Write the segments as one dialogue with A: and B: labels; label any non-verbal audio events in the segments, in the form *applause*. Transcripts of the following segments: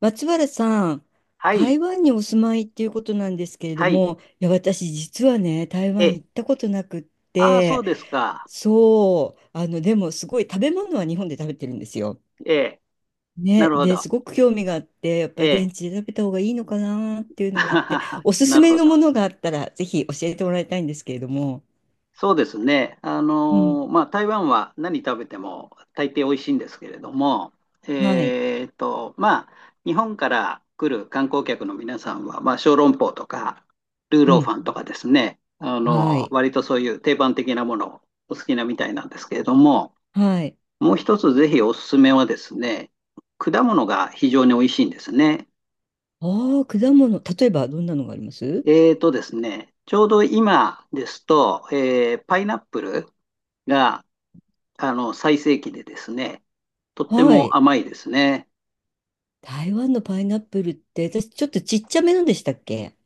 A: 松原さん、
B: はい、
A: 台湾にお住まいっていうことなんですけれど
B: はい、
A: も、いや、私実はね、台湾
B: え、
A: 行ったことなくっ
B: ああ、そう
A: て、
B: ですか。
A: そう、でもすごい食べ物は日本で食べてるんですよ。
B: ええ、な
A: ね、
B: るほ
A: で、
B: ど。
A: すごく興味があって、やっぱ
B: え
A: り
B: え、
A: 現地で食べた方がいいのかなっていうのがあって、
B: *laughs*
A: おすす
B: なる
A: め
B: ほ
A: の
B: ど。
A: ものがあったら、ぜひ教えてもらいたいんですけれども。
B: そうですね。
A: うん。
B: まあ、台湾は何食べても大抵美味しいんですけれども、
A: はい。
B: まあ、日本から来る観光客の皆さんは、まあ、小籠包とか、ルー
A: う
B: ローフ
A: ん。
B: ァンとかですね、
A: はい。
B: 割とそういう定番的なものをお好きなみたいなんですけれども、
A: はい。
B: もう一つぜひおすすめはですね、果物が非常に美味しいんですね。
A: ああ、果物。例えばどんなのがあります？
B: ですね、ちょうど今ですと、パイナップルが最盛期でですね、とって
A: は
B: も
A: い。
B: 甘いですね。
A: 台湾のパイナップルって、私ちょっとちっちゃめなんでしたっけ？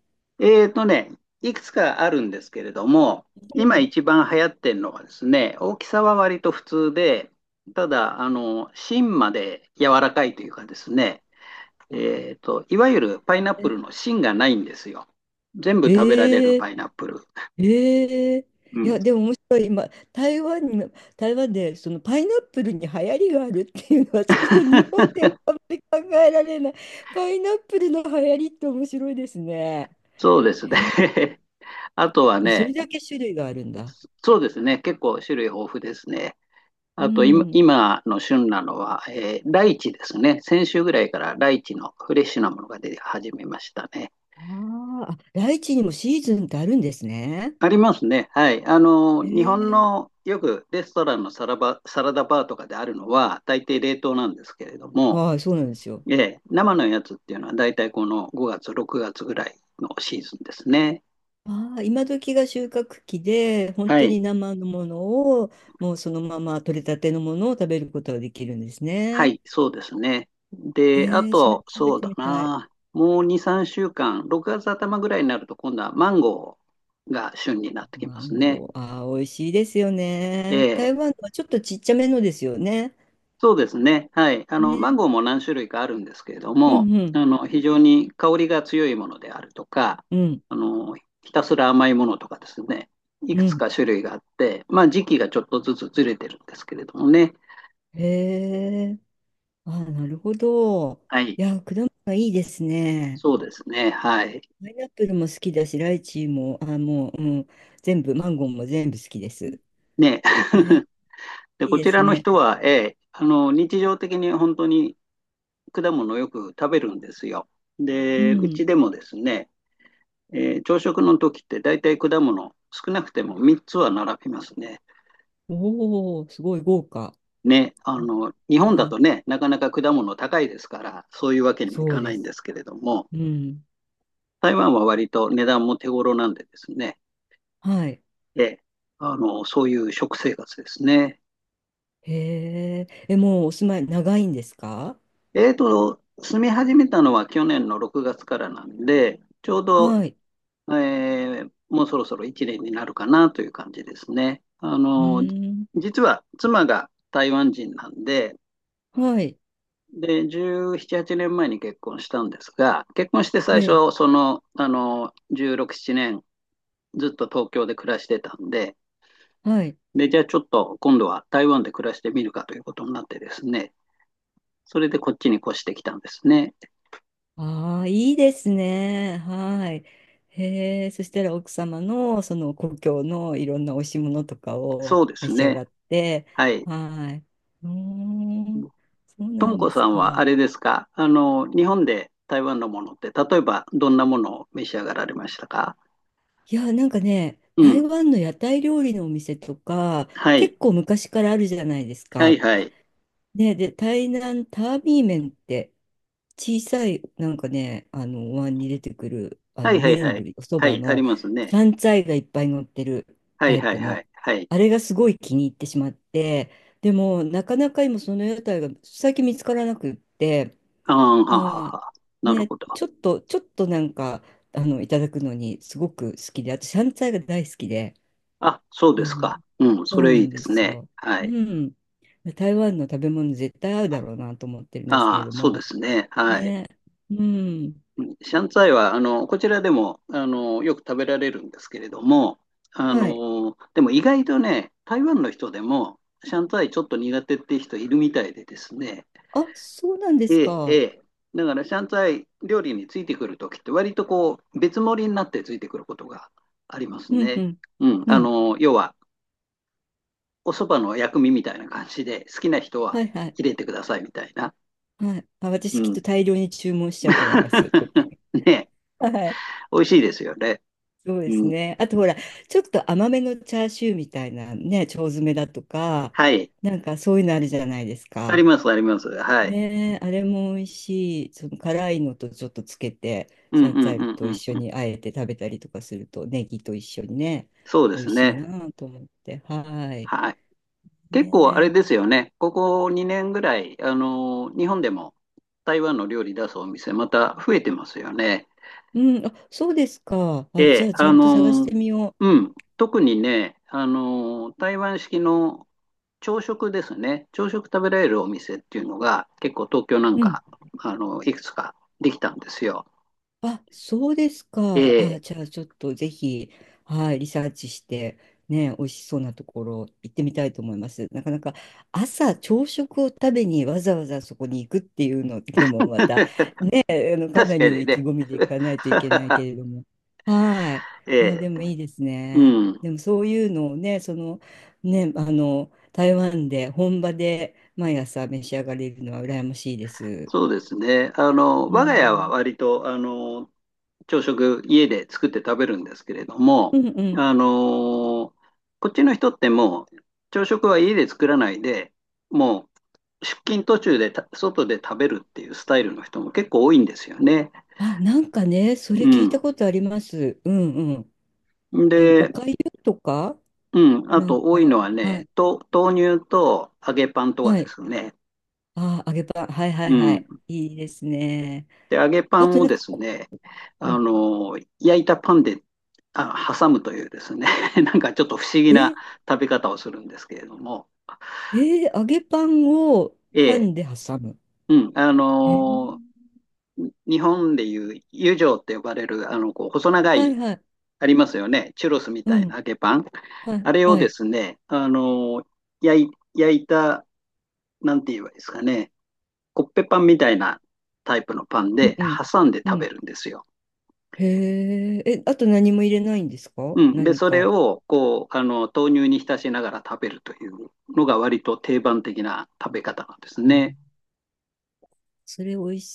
B: ね、いくつかあるんですけれども、
A: う
B: 今
A: ん。
B: 一番流行ってるのはですね、大きさは割と普通で、ただ、芯まで柔らかいというかですね、いわゆるパイナップルの芯がないんですよ。全部食べられる
A: え
B: パ
A: え。
B: イナップル。
A: ええ。
B: う
A: い
B: ん。
A: や、でも面白い。今、台湾に、台湾で、そのパイナップルに流行りがあるっていうのは、ちょっと日本
B: *laughs*
A: ではあんまり考えられない。パイナップルの流行りって面白いですね。
B: そうですね。*laughs* あとは
A: それ
B: ね、
A: だけ種類があるんだ。
B: そうですね。結構種類豊富ですね。
A: う
B: あと今、
A: ん。
B: 今の旬なのは、ライチですね。先週ぐらいからライチのフレッシュなものが出始めましたね。
A: あーあ、ライチにもシーズンってあるんですね。
B: ありますね。はい。
A: へ
B: 日本
A: え。
B: のよくレストランのサラダバーとかであるのは、大抵冷凍なんですけれども、
A: はい、そうなんですよ。
B: ええ、生のやつっていうのは、大体この5月、6月ぐらいのシーズンですね。
A: ああ、今時が収穫期で、本
B: は
A: 当
B: い。
A: に生のものを、もうそのまま取れたてのものを食べることができるんです
B: は
A: ね。
B: い、そうですね。で、あ
A: へえ、それ食
B: と、
A: べ
B: そう
A: て
B: だ
A: みたい。
B: な。もう2、3週間、6月頭ぐらいになると、今度はマンゴーが旬になってき
A: マ
B: ます
A: ン
B: ね。
A: ゴー、ああ、美味しいですよ
B: え
A: ね。
B: え、
A: 台湾のはちょっとちっちゃめのですよね。
B: そうですね。はい。マン
A: ね。
B: ゴーも何種類かあるんですけれど
A: う
B: も、
A: んうん、
B: 非常に香りが強いものであるとか、
A: うん、
B: あの、ひたすら甘いものとかですね。いく
A: う
B: つ
A: ん。
B: か種類があって、まあ、時期がちょっとずつずれてるんですけれどもね。
A: へえ、ああ、なるほど。
B: はい。
A: いや、果物がいいですね。
B: そうですね。はい。
A: パイナップルも好きだし、ライチも、ああ、もう、うん、全部、マンゴーも全部好きです。
B: ね。
A: えー
B: *laughs* で、
A: いい
B: こ
A: で
B: ち
A: す
B: らの
A: ね。
B: 人は、日常的に本当に果物をよく食べるんですよ。
A: う
B: で、うち
A: ん。
B: でもですね、朝食の時って大体果物、少なくても3つは並びますね。
A: おお、すごい豪華。
B: ね、日本だ
A: はい。
B: とね、なかなか果物高いですから、そういうわけにもい
A: そ
B: か
A: う
B: な
A: で
B: いん
A: す。
B: ですけれども、
A: うん。
B: 台湾は割と値段も手頃なんでですね、
A: はい。
B: ええ、そういう食生活ですね。
A: へえ。え、もうお住まい長いんですか？
B: 住み始めたのは去年の6月からなんで、ちょうど
A: はい。
B: もうそろそろ1年になるかなという感じですね。
A: うーん。
B: 実は妻が台湾人なんで、
A: はい。
B: で、17、8年前に結婚したんですが、結婚して最
A: え、
B: 初、16、7年ずっと東京で暮らしてたんで、
A: はい。
B: で、じゃあちょっと今度は台湾で暮らしてみるかということになってですね、それでこっちに越してきたんですね。
A: ああ、いいですね。はい。へえ。そしたら奥様のその故郷のいろんなおいしいものとかを
B: そうで
A: 召
B: す
A: し上
B: ね。
A: がって。
B: はい。
A: はい。うーん。そう
B: と
A: な
B: も
A: ん
B: こ
A: です
B: さんはあ
A: か。
B: れですか？日本で台湾のものって、例えばどんなものを召し上がられましたか？
A: いや、なんかね、
B: う
A: 台
B: ん。
A: 湾の屋台料理のお店とか、
B: は
A: 結
B: い。
A: 構昔からあるじゃないです
B: はい
A: か。
B: はい。
A: ね、で、台南タービー麺って、小さい、なんかね、お椀に出てくる、
B: はいはいは
A: 麺
B: い。
A: 類、おそ
B: は
A: ば
B: い、あり
A: の、
B: ますね。
A: 山菜がいっぱい乗ってる
B: は
A: タ
B: い
A: イ
B: は
A: プ
B: いは
A: の、
B: い。はい。
A: あれがすごい気に入ってしまって、でも、なかなか今、その屋台が最近見つからなくって、
B: ああ、はは
A: は
B: は。
A: い。
B: なる
A: ね、
B: ほど。
A: ちょっとなんか、いただくのにすごく好きで、あと、シャンツァイが大好きで、
B: あ、そう
A: う
B: です
A: ん、
B: か。うん、そ
A: そう
B: れ
A: な
B: いい
A: ん
B: で
A: で
B: す
A: す
B: ね。
A: よ。
B: は
A: う
B: い。
A: ん。台湾の食べ物絶対合うだろうなと思ってるんですけ
B: あ
A: れ
B: あ、
A: ど
B: そうで
A: も。
B: すね。はい。
A: ね。うん。
B: シャンツァイは、こちらでも、よく食べられるんですけれども、
A: はい。
B: でも意外とね、台湾の人でも、シャンツァイちょっと苦手っていう人いるみたいでですね、
A: あ、そうなんです
B: ええ、え
A: か。
B: え。だから、シャンツァイ料理についてくるときって、割とこう、別盛りになってついてくることがあります
A: うんう
B: ね。
A: ん。
B: うん、
A: うん。
B: 要は、お蕎麦の薬味みたいな感じで、好きな人
A: は
B: は
A: いはい。
B: 入れてくださいみたいな。
A: はい。あ、
B: う
A: 私きっと
B: ん。
A: 大量に注文しちゃうと思います、トッピ
B: *laughs*
A: ン
B: ね、
A: グ。はい。
B: 美味しいですよね。
A: そう
B: う
A: です
B: ん。
A: ね。あとほら、ちょっと甘めのチャーシューみたいなね、腸詰めだとか、
B: はい。
A: なんかそういうのあるじゃないです
B: あり
A: か。
B: ます、あります。はい。
A: ねえ、あれも美味しい。その辛いのとちょっとつけて、
B: うん
A: シャン
B: う
A: ツァイ
B: んう
A: と一
B: ん
A: 緒
B: うん。
A: にあえて食べたりとかすると、ネギと一緒にね、
B: そうで
A: 美
B: す
A: 味しい
B: ね。
A: なと思って。はい。
B: はい。結構あれ
A: ねえ。
B: ですよね。ここ2年ぐらい、日本でも台湾の料理出すお店、また増えてますよね。
A: うん、あ、そうですか。
B: え
A: あ、じゃ
B: え、
A: あちゃんと探してみよ
B: うん。特にね、台湾式の朝食ですね。朝食食べられるお店っていうのが、結構東京なん
A: う。うん。
B: か、いくつかできたんですよ。
A: あ、そうです
B: え
A: か。あ、じ
B: え。
A: ゃあちょっとぜひ、はい、リサーチして、ね、美味しそうなところ行ってみたいと思います。なかなか朝食を食べにわざわざそこに行くっていうのでもまた
B: *laughs*
A: ね、えあのか
B: 確
A: なり
B: か
A: の
B: に
A: 意気
B: ね。
A: 込みで行かないといけない
B: *laughs*
A: けれども。はい。あ、
B: ええ、
A: でもいいです
B: う
A: ね。
B: ん。
A: でもそういうのをね、その、ね、台湾で本場で毎朝召し上がれるのは羨ましいです。
B: そうですね。
A: う
B: 我が家は
A: ん
B: 割と、朝食家で作って食べるんですけれど
A: う
B: も、
A: んうん。
B: あの、こっちの人ってもう、朝食は家で作らないで、もう出勤途中で外で食べるっていうスタイルの人も結構多いんですよね。
A: あ、なんかね、それ聞い
B: う
A: たことあります。うんうん。
B: ん。
A: お
B: で、
A: かゆとか、
B: うん、あ
A: なん
B: と多い
A: か、
B: のは
A: は
B: ね、
A: い、
B: 豆乳と揚げパンとか
A: は
B: で
A: い。
B: すね。
A: あ、揚げパン、はいは
B: う
A: いはい。
B: ん。
A: いいですね。
B: で、揚げパ
A: あ
B: ン
A: と
B: を
A: なん
B: で
A: か
B: す
A: こ
B: ね、
A: う、うん、
B: 焼いたパンで、挟むというですね、*laughs* なんかちょっと不思議な
A: え、
B: 食べ方をするんですけれども、
A: えー揚げパンを
B: え
A: パ
B: え、
A: ンで挟む。
B: うん、
A: えー
B: 日本でいう油条って呼ばれる、こう、細長
A: はい
B: い、
A: はい。
B: ありますよね、チュロスみ
A: う
B: たいな
A: ん、
B: 揚げパン。
A: はい、
B: あれを
A: は
B: で
A: い。
B: すね、焼いた、なんて言えばいいですかね、コッペパンみたいなタイプのパン
A: うん
B: で
A: うん。
B: 挟んで
A: う
B: 食
A: ん。
B: べるんですよ。
A: へえ、え、あと何も入れないんですか、
B: うん。で、
A: 何
B: それ
A: か？
B: を、こう、豆乳に浸しながら食べるというのが割と定番的な食べ方なんです
A: あ、
B: ね。
A: それ美味し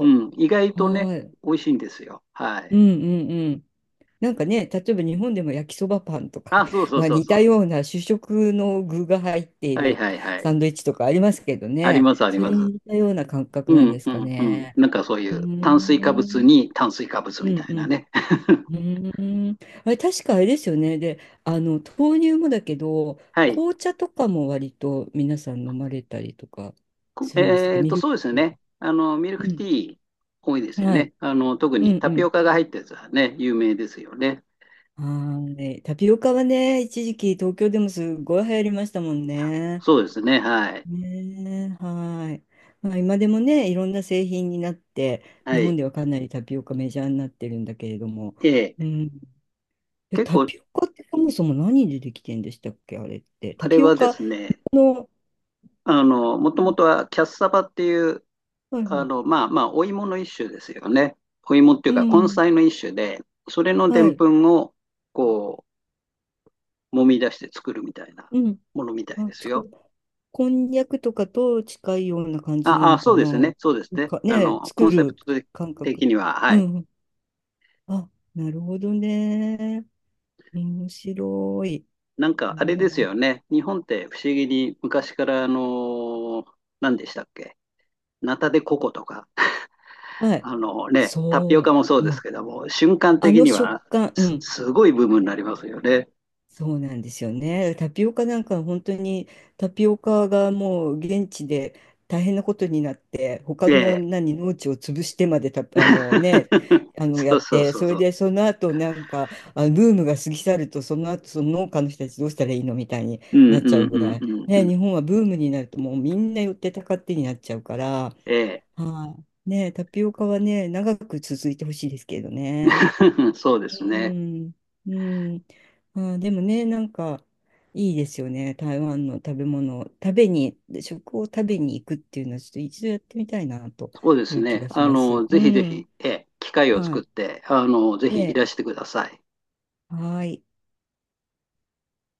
B: うん。意外
A: う。
B: とね、
A: はい。
B: 美味しいんですよ。は
A: う
B: い。
A: んうん。なんかね、例えば日本でも焼きそばパンとか、
B: あ、そう
A: *laughs*
B: そ
A: ま
B: う
A: あ、
B: そう
A: 似
B: そ
A: た
B: う。
A: ような主食の具が入ってい
B: はい
A: る
B: はいは
A: サ
B: い。
A: ンドイッチとかありますけど
B: あり
A: ね、
B: ます、あり
A: そ
B: ま
A: れ
B: す。
A: に似たような感覚
B: う
A: なん
B: ん
A: です
B: う
A: か
B: んうん。
A: ね。
B: なんかそうい
A: うー
B: う炭水化物
A: ん、
B: に炭水化物
A: う
B: みた
A: ん
B: い
A: う
B: な
A: ん、
B: ね。
A: う
B: *laughs*
A: ーん。あれ、確かあれですよね。で、豆乳もだけど、
B: はい。
A: 紅茶とかも割と皆さん飲まれたりとか
B: こ
A: するんでしたっけ、
B: えっ
A: ミ
B: と、
A: ルク
B: そうですよ
A: ティ
B: ね。
A: ー？
B: ミルクティー多いで
A: う
B: す
A: ん、
B: よ
A: はい。
B: ね。特
A: うん
B: にタ
A: う
B: ピ
A: ん。
B: オカが入ったやつはね、有名ですよね。
A: はい。タピオカはね、一時期東京でもすごい流行りましたもんね。
B: そうですね。はい。
A: ねえ、はい。まあ、今でもね、いろんな製品になって、
B: は
A: 日本
B: い。
A: ではかなりタピオカメジャーになってるんだけれども、
B: で、
A: うん。で、
B: 結
A: タ
B: 構。
A: ピオカってそもそも何でできてんでしたっけ、あれって。
B: あ
A: タ
B: れ
A: ピオ
B: はで
A: カ
B: すね、
A: の、
B: もともとはキャッサバっていう、
A: はいはい。
B: まあまあ、お芋の一種ですよね。お芋ってい
A: う
B: うか、根
A: ん。
B: 菜の一種で、それので
A: は
B: ん
A: い。
B: ぷんを、こう、揉み出して作るみたいな
A: うん。
B: ものみたい
A: あ、
B: ですよ。
A: こんにゃくとかと近いような感じな
B: あ、あ、
A: の
B: そ
A: か
B: う
A: な。
B: です
A: な
B: ね、そうです
A: ん
B: ね。
A: かね、作
B: コンセプ
A: る
B: ト
A: 感覚。
B: 的には、は
A: う
B: い。
A: ん。あ、なるほどね。面白い。
B: なんか、あれですよね。日本って不思議に昔から、何でしたっけ？ナタデココとか、
A: はい。
B: ね、タピオカ
A: そ
B: もそう
A: う。う
B: です
A: ん。
B: けども、瞬間
A: あ
B: 的
A: の
B: に
A: 食
B: は
A: 感。う
B: す、
A: ん。
B: すごいブームになりますよね。
A: そうなんですよね。タピオカなんか本当にタピオカがもう現地で大変なことになって、他
B: え
A: の
B: え。
A: 何農地を潰してまでた、
B: *laughs*
A: や
B: そう
A: っ
B: そう
A: て、
B: そう
A: それ
B: そう。
A: でその後なんかブームが過ぎ去ると、その後その農家の人たちどうしたらいいのみたいに
B: うんう
A: なっちゃう
B: ん
A: ぐ
B: うん
A: らい。
B: うんう
A: ね、
B: ん。
A: 日本はブームになるともうみんな寄ってたかってになっちゃうから、
B: ええ。
A: はい。ね、タピオカはね、長く続いてほしいですけどね。
B: *laughs* そうで
A: う
B: すね。
A: ん、うん。まあー、でもね、なんかいいですよね。台湾の食べ物、食を食べに行くっていうのは、ちょっと一度やってみたいなと
B: そうで
A: い
B: す
A: う気
B: ね。
A: がします。う
B: ぜひぜひ、
A: ん。
B: ええ、機会を
A: は
B: 作っ
A: い。
B: て、ぜひい
A: で、
B: らしてください。
A: はい。